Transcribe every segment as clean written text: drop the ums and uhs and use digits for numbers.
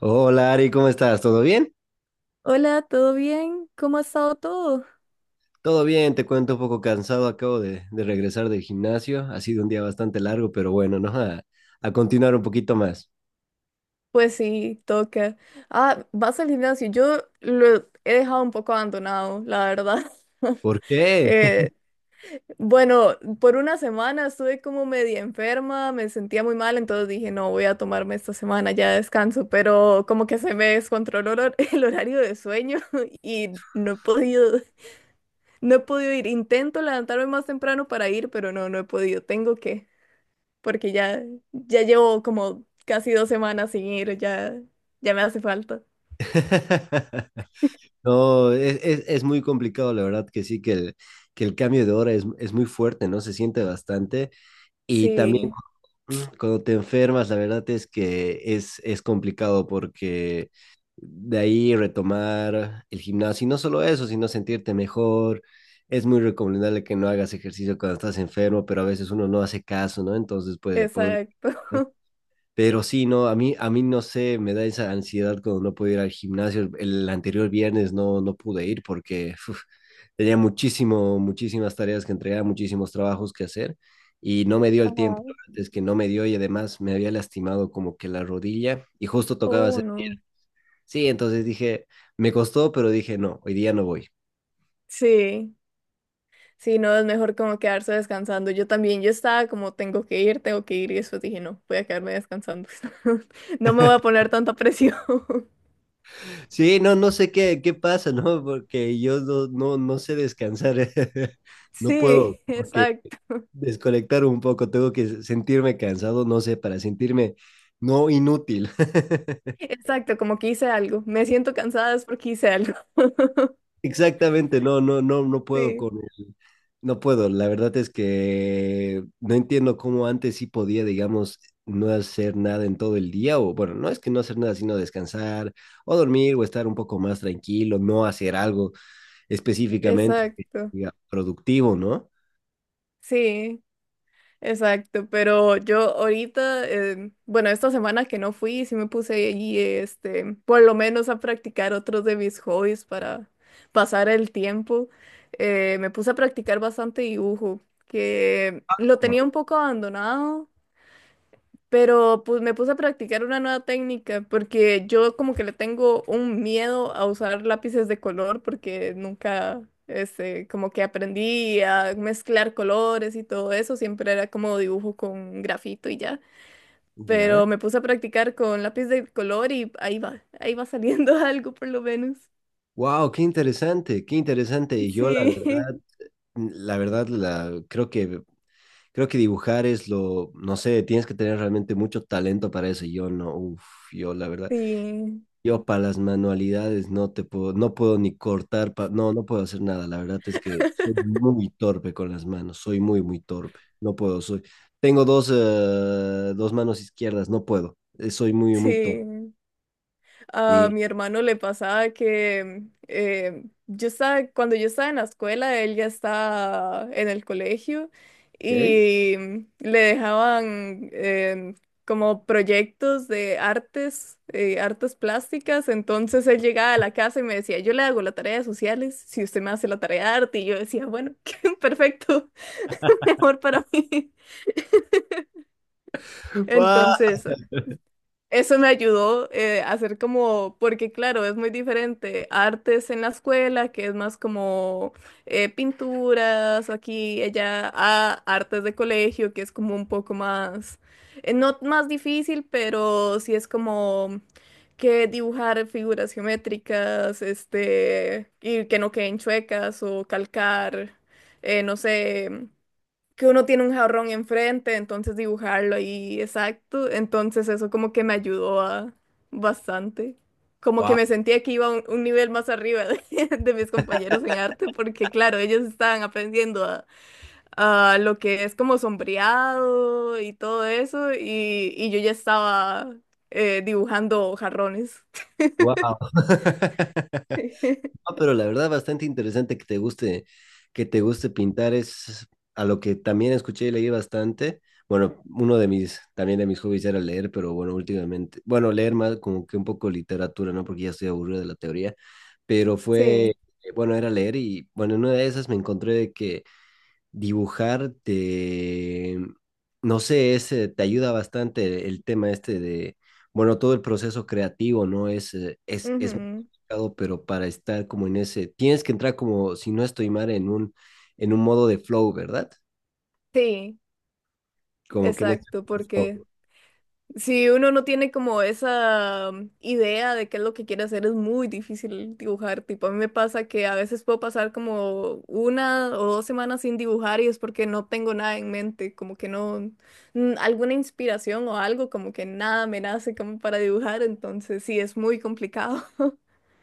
Hola Ari, ¿cómo estás? ¿Todo bien? Hola, ¿todo bien? ¿Cómo ha estado todo? Todo bien, te cuento, un poco cansado, acabo de regresar del gimnasio, ha sido un día bastante largo, pero bueno, ¿no? A continuar un poquito más. Pues sí, toca. Ah, vas al gimnasio. Yo lo he dejado un poco abandonado, la verdad. ¿Por qué? Eh, bueno, por una semana estuve como media enferma, me sentía muy mal, entonces dije, no, voy a tomarme esta semana ya de descanso, pero como que se me descontroló el horario de sueño y no he podido ir. Intento levantarme más temprano para ir, pero no, no he podido. Tengo que. Porque ya, ya llevo como casi dos semanas sin ir, ya, ya me hace falta. No, es muy complicado, la verdad que sí, que el cambio de hora es muy fuerte, ¿no? Se siente bastante. Y también, Sí, cuando te enfermas, la verdad es que es complicado porque de ahí retomar el gimnasio, y no solo eso, sino sentirte mejor. Es muy recomendable que no hagas ejercicio cuando estás enfermo, pero a veces uno no hace caso, ¿no? Entonces puede. exacto. Pero sí, no, a mí no sé, me da esa ansiedad cuando no puedo ir al gimnasio. El anterior viernes no pude ir porque uf, muchísimas tareas que entregar, muchísimos trabajos que hacer y no me dio el tiempo. Ajá. Es que no me dio y además me había lastimado como que la rodilla y justo tocaba Oh, hacer no. pierna. Sí, entonces dije, me costó, pero dije, no, hoy día no voy. Sí, sí, no, es mejor como quedarse descansando. Yo también, yo estaba como tengo que ir, y después dije, no, voy a quedarme descansando. No me voy a poner tanta presión. Sí, no, no sé qué pasa, ¿no? Porque yo no sé descansar, no Sí, puedo, porque exacto, desconectar un poco, tengo que sentirme cansado, no sé, para sentirme no inútil. exacto, como que hice algo. Me siento cansada es porque hice algo. Exactamente, no, no, no, no puedo Sí, con el... No puedo. La verdad es que no entiendo cómo antes sí podía, digamos, no hacer nada en todo el día, o bueno, no es que no hacer nada, sino descansar, o dormir, o estar un poco más tranquilo, no hacer algo específicamente que exacto. sea productivo, ¿no? Sí. Exacto, pero yo ahorita, bueno, esta semana que no fui, sí me puse ahí, por lo menos a practicar otros de mis hobbies para pasar el tiempo. Me puse a practicar bastante dibujo, que lo Wow. tenía un poco abandonado, pero pues me puse a practicar una nueva técnica porque yo como que le tengo un miedo a usar lápices de color porque nunca, como que aprendí a mezclar colores y todo eso, siempre era como dibujo con grafito y ya. Ya. Pero me puse a practicar con lápiz de color y ahí va saliendo algo por lo menos. Wow, qué interesante, qué interesante. Y yo, la Sí, verdad. La verdad, la, creo que dibujar es lo, no sé, tienes que tener realmente mucho talento para eso. Yo no, uff, yo la verdad, sí, yo para las manualidades no te puedo, no puedo ni cortar, pa- no, no puedo hacer nada. La verdad es que soy muy torpe con las manos, soy muy, muy torpe. No puedo, soy, tengo dos, dos manos izquierdas, no puedo. Soy muy, muy torpe. sí. A Y, mi hermano le pasaba que cuando yo estaba en la escuela, él ya estaba en el colegio ¿ok? y le dejaban como proyectos de artes, artes plásticas. Entonces él llegaba a la casa y me decía, yo le hago la tarea de sociales, si usted me hace la tarea de arte. Y yo decía, bueno, perfecto, mejor para mí. ¡Guau! Entonces, eso me ayudó a hacer como, porque claro, es muy diferente. Artes en la escuela, que es más como pinturas, aquí, allá, a artes de colegio, que es como un poco más, no más difícil, pero sí es como que dibujar figuras geométricas, y que no queden chuecas o calcar, no sé, que uno tiene un jarrón enfrente, entonces dibujarlo ahí exacto. Entonces eso como que me ayudó a bastante. Como que ¡Guau! me sentía que iba un nivel más arriba de, de mis compañeros en arte, porque claro, ellos estaban aprendiendo a lo que es como sombreado y todo eso, y yo ya estaba dibujando jarrones. ¡Guau! No, pero la verdad, bastante interesante que te guste pintar. Es a lo que también escuché y leí bastante. Bueno, uno de mis, también de mis hobbies era leer, pero bueno, últimamente, bueno, leer más como que un poco literatura, ¿no? Porque ya estoy aburrido de la teoría, pero Sí, fue, bueno, era leer y bueno, en una de esas me encontré de que dibujar te, no sé, es, te ayuda bastante el tema este de, bueno, todo el proceso creativo, ¿no? Es, es muy ujú, complicado, pero para estar como en ese, tienes que entrar como, si no estoy mal, en un modo de flow, ¿verdad? sí, Como que en ese exacto, flow. porque si uno no tiene como esa idea de qué es lo que quiere hacer, es muy difícil dibujar. Tipo, a mí me pasa que a veces puedo pasar como una o dos semanas sin dibujar y es porque no tengo nada en mente, como que no, alguna inspiración o algo, como que nada me nace como para dibujar, entonces sí, es muy complicado.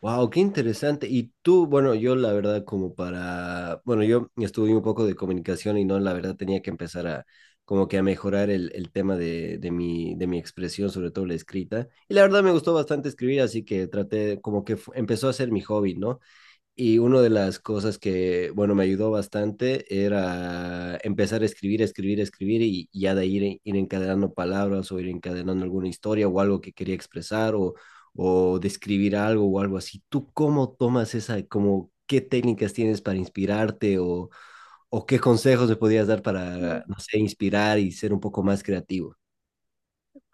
Wow, qué interesante. Y tú, bueno, yo la verdad como para, bueno, yo estudié un poco de comunicación y no, la verdad tenía que empezar a como que a mejorar el tema de mi expresión, sobre todo la escrita. Y la verdad me gustó bastante escribir, así que traté como que fu- empezó a ser mi hobby, ¿no? Y una de las cosas que, bueno, me ayudó bastante era empezar a escribir, escribir, escribir y ya de ahí ir, ir encadenando palabras o ir encadenando alguna historia o algo que quería expresar o describir algo o algo así. ¿Tú cómo tomas esa, como qué técnicas tienes para inspirarte o qué consejos me podías dar para, no sé, inspirar y ser un poco más creativo?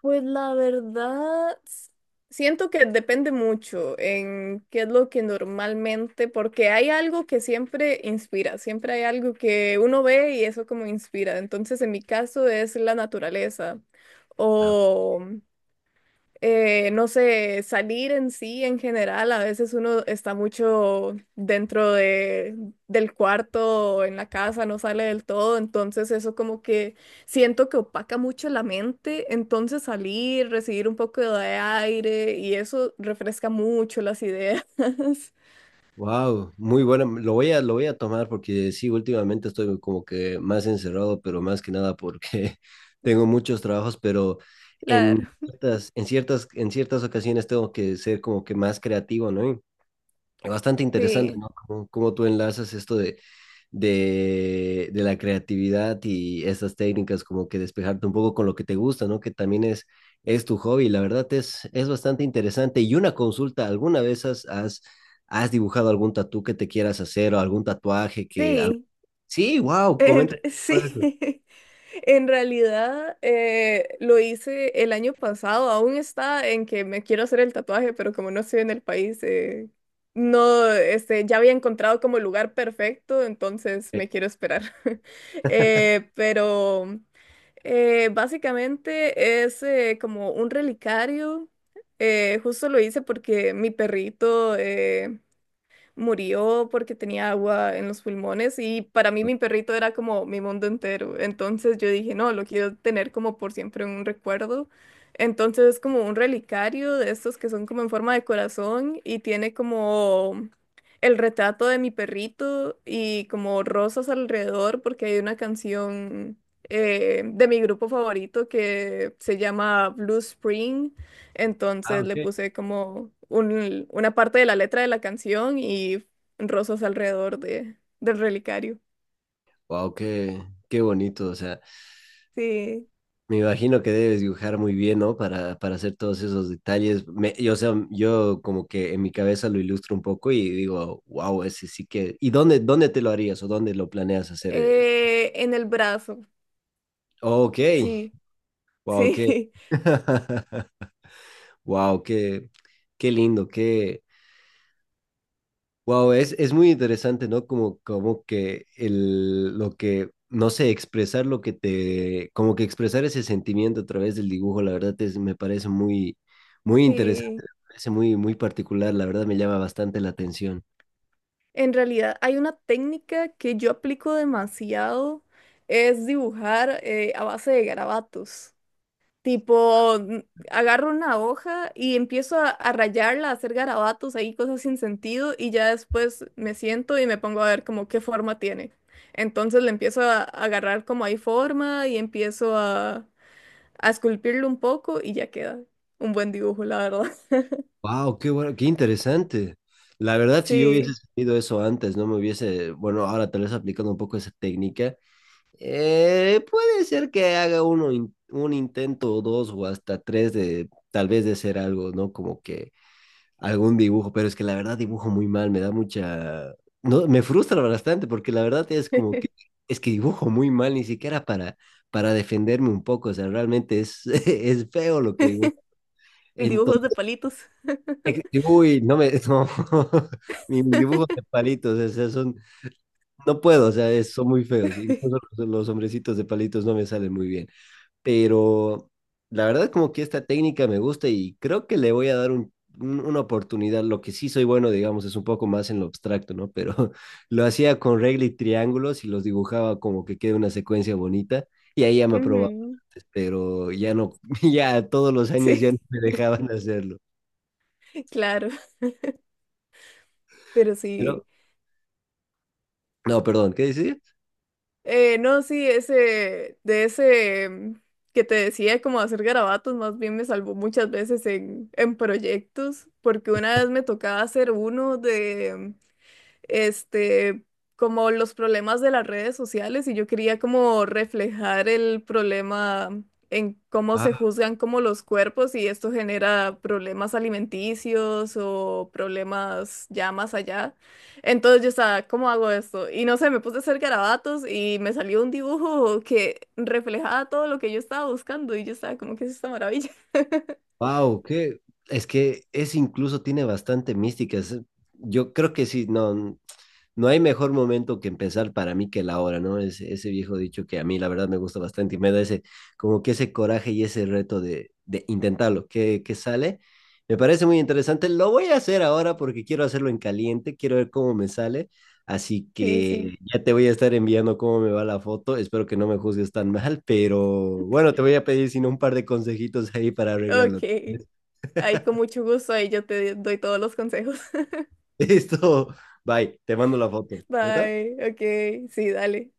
Pues la verdad, siento que depende mucho en qué es lo que normalmente, porque hay algo que siempre inspira, siempre hay algo que uno ve y eso como inspira. Entonces, en mi caso es la naturaleza Ah, o no sé, salir en sí en general, a veces uno está mucho dentro del cuarto o en la casa, no sale del todo, entonces eso como que siento que opaca mucho la mente, entonces salir, recibir un poco de aire y eso refresca mucho las ideas. wow, muy bueno. Lo voy a tomar porque sí, últimamente estoy como que más encerrado, pero más que nada porque tengo muchos trabajos, pero Claro, en ciertas ocasiones tengo que ser como que más creativo, ¿no? Y bastante interesante, sí, ¿no? Como cómo tú enlazas esto de la creatividad y esas técnicas, como que despejarte un poco con lo que te gusta, ¿no? Que también es tu hobby. La verdad es bastante interesante. Y una consulta, ¿alguna vez has dibujado algún tatú que te quieras hacer o algún tatuaje que... al- sí, Sí, wow, comenta. Un eso. sí. En realidad lo hice el año pasado, aún está en que me quiero hacer el tatuaje, pero como no estoy en el país, no, ya había encontrado como el lugar perfecto, entonces Ok. me quiero esperar. Pero básicamente es como un relicario, justo lo hice porque mi perrito murió porque tenía agua en los pulmones y para mí mi perrito era como mi mundo entero. Entonces yo dije, no, lo quiero tener como por siempre un recuerdo. Entonces es como un relicario de estos que son como en forma de corazón y tiene como el retrato de mi perrito y como rosas alrededor porque hay una canción de mi grupo favorito que se llama Blue Spring, Ah, entonces le ok. puse como una parte de la letra de la canción y rosas alrededor del relicario. Wow, qué, qué bonito, o sea. Sí. Me imagino que debes dibujar muy bien, ¿no? Para hacer todos esos detalles. Me- yo, o sea, yo como que en mi cabeza lo ilustro un poco y digo, wow, ese sí que... ¿Y dónde, dónde te lo harías o dónde lo planeas hacer? El- En el brazo. Ok, Sí, wow, qué... sí, Wow, qué, qué lindo, qué... Wow, es muy interesante, ¿no? Como, como que el, lo que, no sé, expresar lo que te, como que expresar ese sentimiento a través del dibujo, la verdad es, me parece muy, muy interesante, sí. me parece muy, muy particular, la verdad me llama bastante la atención. En realidad hay una técnica que yo aplico demasiado, es dibujar a base de garabatos. Tipo, agarro una hoja y empiezo a rayarla, a hacer garabatos ahí, cosas sin sentido, y ya después me siento y me pongo a ver como qué forma tiene. Entonces le empiezo a agarrar como hay forma y empiezo a esculpirlo un poco y ya queda un buen dibujo, la verdad. Wow, qué bueno, qué interesante. La verdad, si yo hubiese Sí, sabido eso antes, no me hubiese, bueno, ahora tal vez aplicando un poco esa técnica, puede ser que haga uno, in- un intento o dos o hasta tres de, tal vez de hacer algo, ¿no? Como que algún dibujo, pero es que la verdad dibujo muy mal, me da mucha... No, me frustra bastante porque la verdad es como que es que dibujo muy mal, ni siquiera para defenderme un poco, o sea, realmente es, es feo lo que dibujo. dibujos de Entonces, palitos. uy, no me, no, ni mis dibujos de palitos, o sea, son, no puedo, o sea, es- son muy feos, incluso los hombrecitos de palitos no me salen muy bien, pero la verdad como que esta técnica me gusta y creo que le voy a dar un- una oportunidad. Lo que sí soy bueno, digamos, es un poco más en lo abstracto, ¿no? Pero lo hacía con regla y triángulos y los dibujaba como que quede una secuencia bonita y ahí ya me aprobaba Ujú, antes, pero ya no, ya todos los sí, años ya no me dejaban hacerlo. claro, pero sí. Pero, no, perdón, ¿qué decías? No, sí, de ese que te decía como hacer garabatos, más bien me salvó muchas veces en proyectos, porque una vez me tocaba hacer uno este, como los problemas de las redes sociales y yo quería como reflejar el problema en cómo se juzgan como los cuerpos y esto genera problemas alimenticios o problemas ya más allá. Entonces yo estaba, ¿cómo hago esto? Y no sé, me puse a hacer garabatos y me salió un dibujo que reflejaba todo lo que yo estaba buscando y yo estaba como que es esta maravilla. Wow, que es incluso tiene bastante mística. Es- yo creo que sí, no, no hay mejor momento que empezar para mí que la hora, ¿no? Ese viejo dicho que a mí la verdad me gusta bastante y me da ese, como que ese coraje y ese reto de intentarlo, que sale. Me parece muy interesante. Lo voy a hacer ahora porque quiero hacerlo en caliente, quiero ver cómo me sale. Así Sí, que sí. ya te voy a estar enviando cómo me va la foto. Espero que no me juzgues tan mal, pero bueno, te voy a pedir sino un par de consejitos ahí para arreglarlo. Ok. Ahí con mucho gusto, ahí yo te doy todos los consejos. Listo, bye, te mando la foto. ¿Neta? Bye, ok, sí, dale.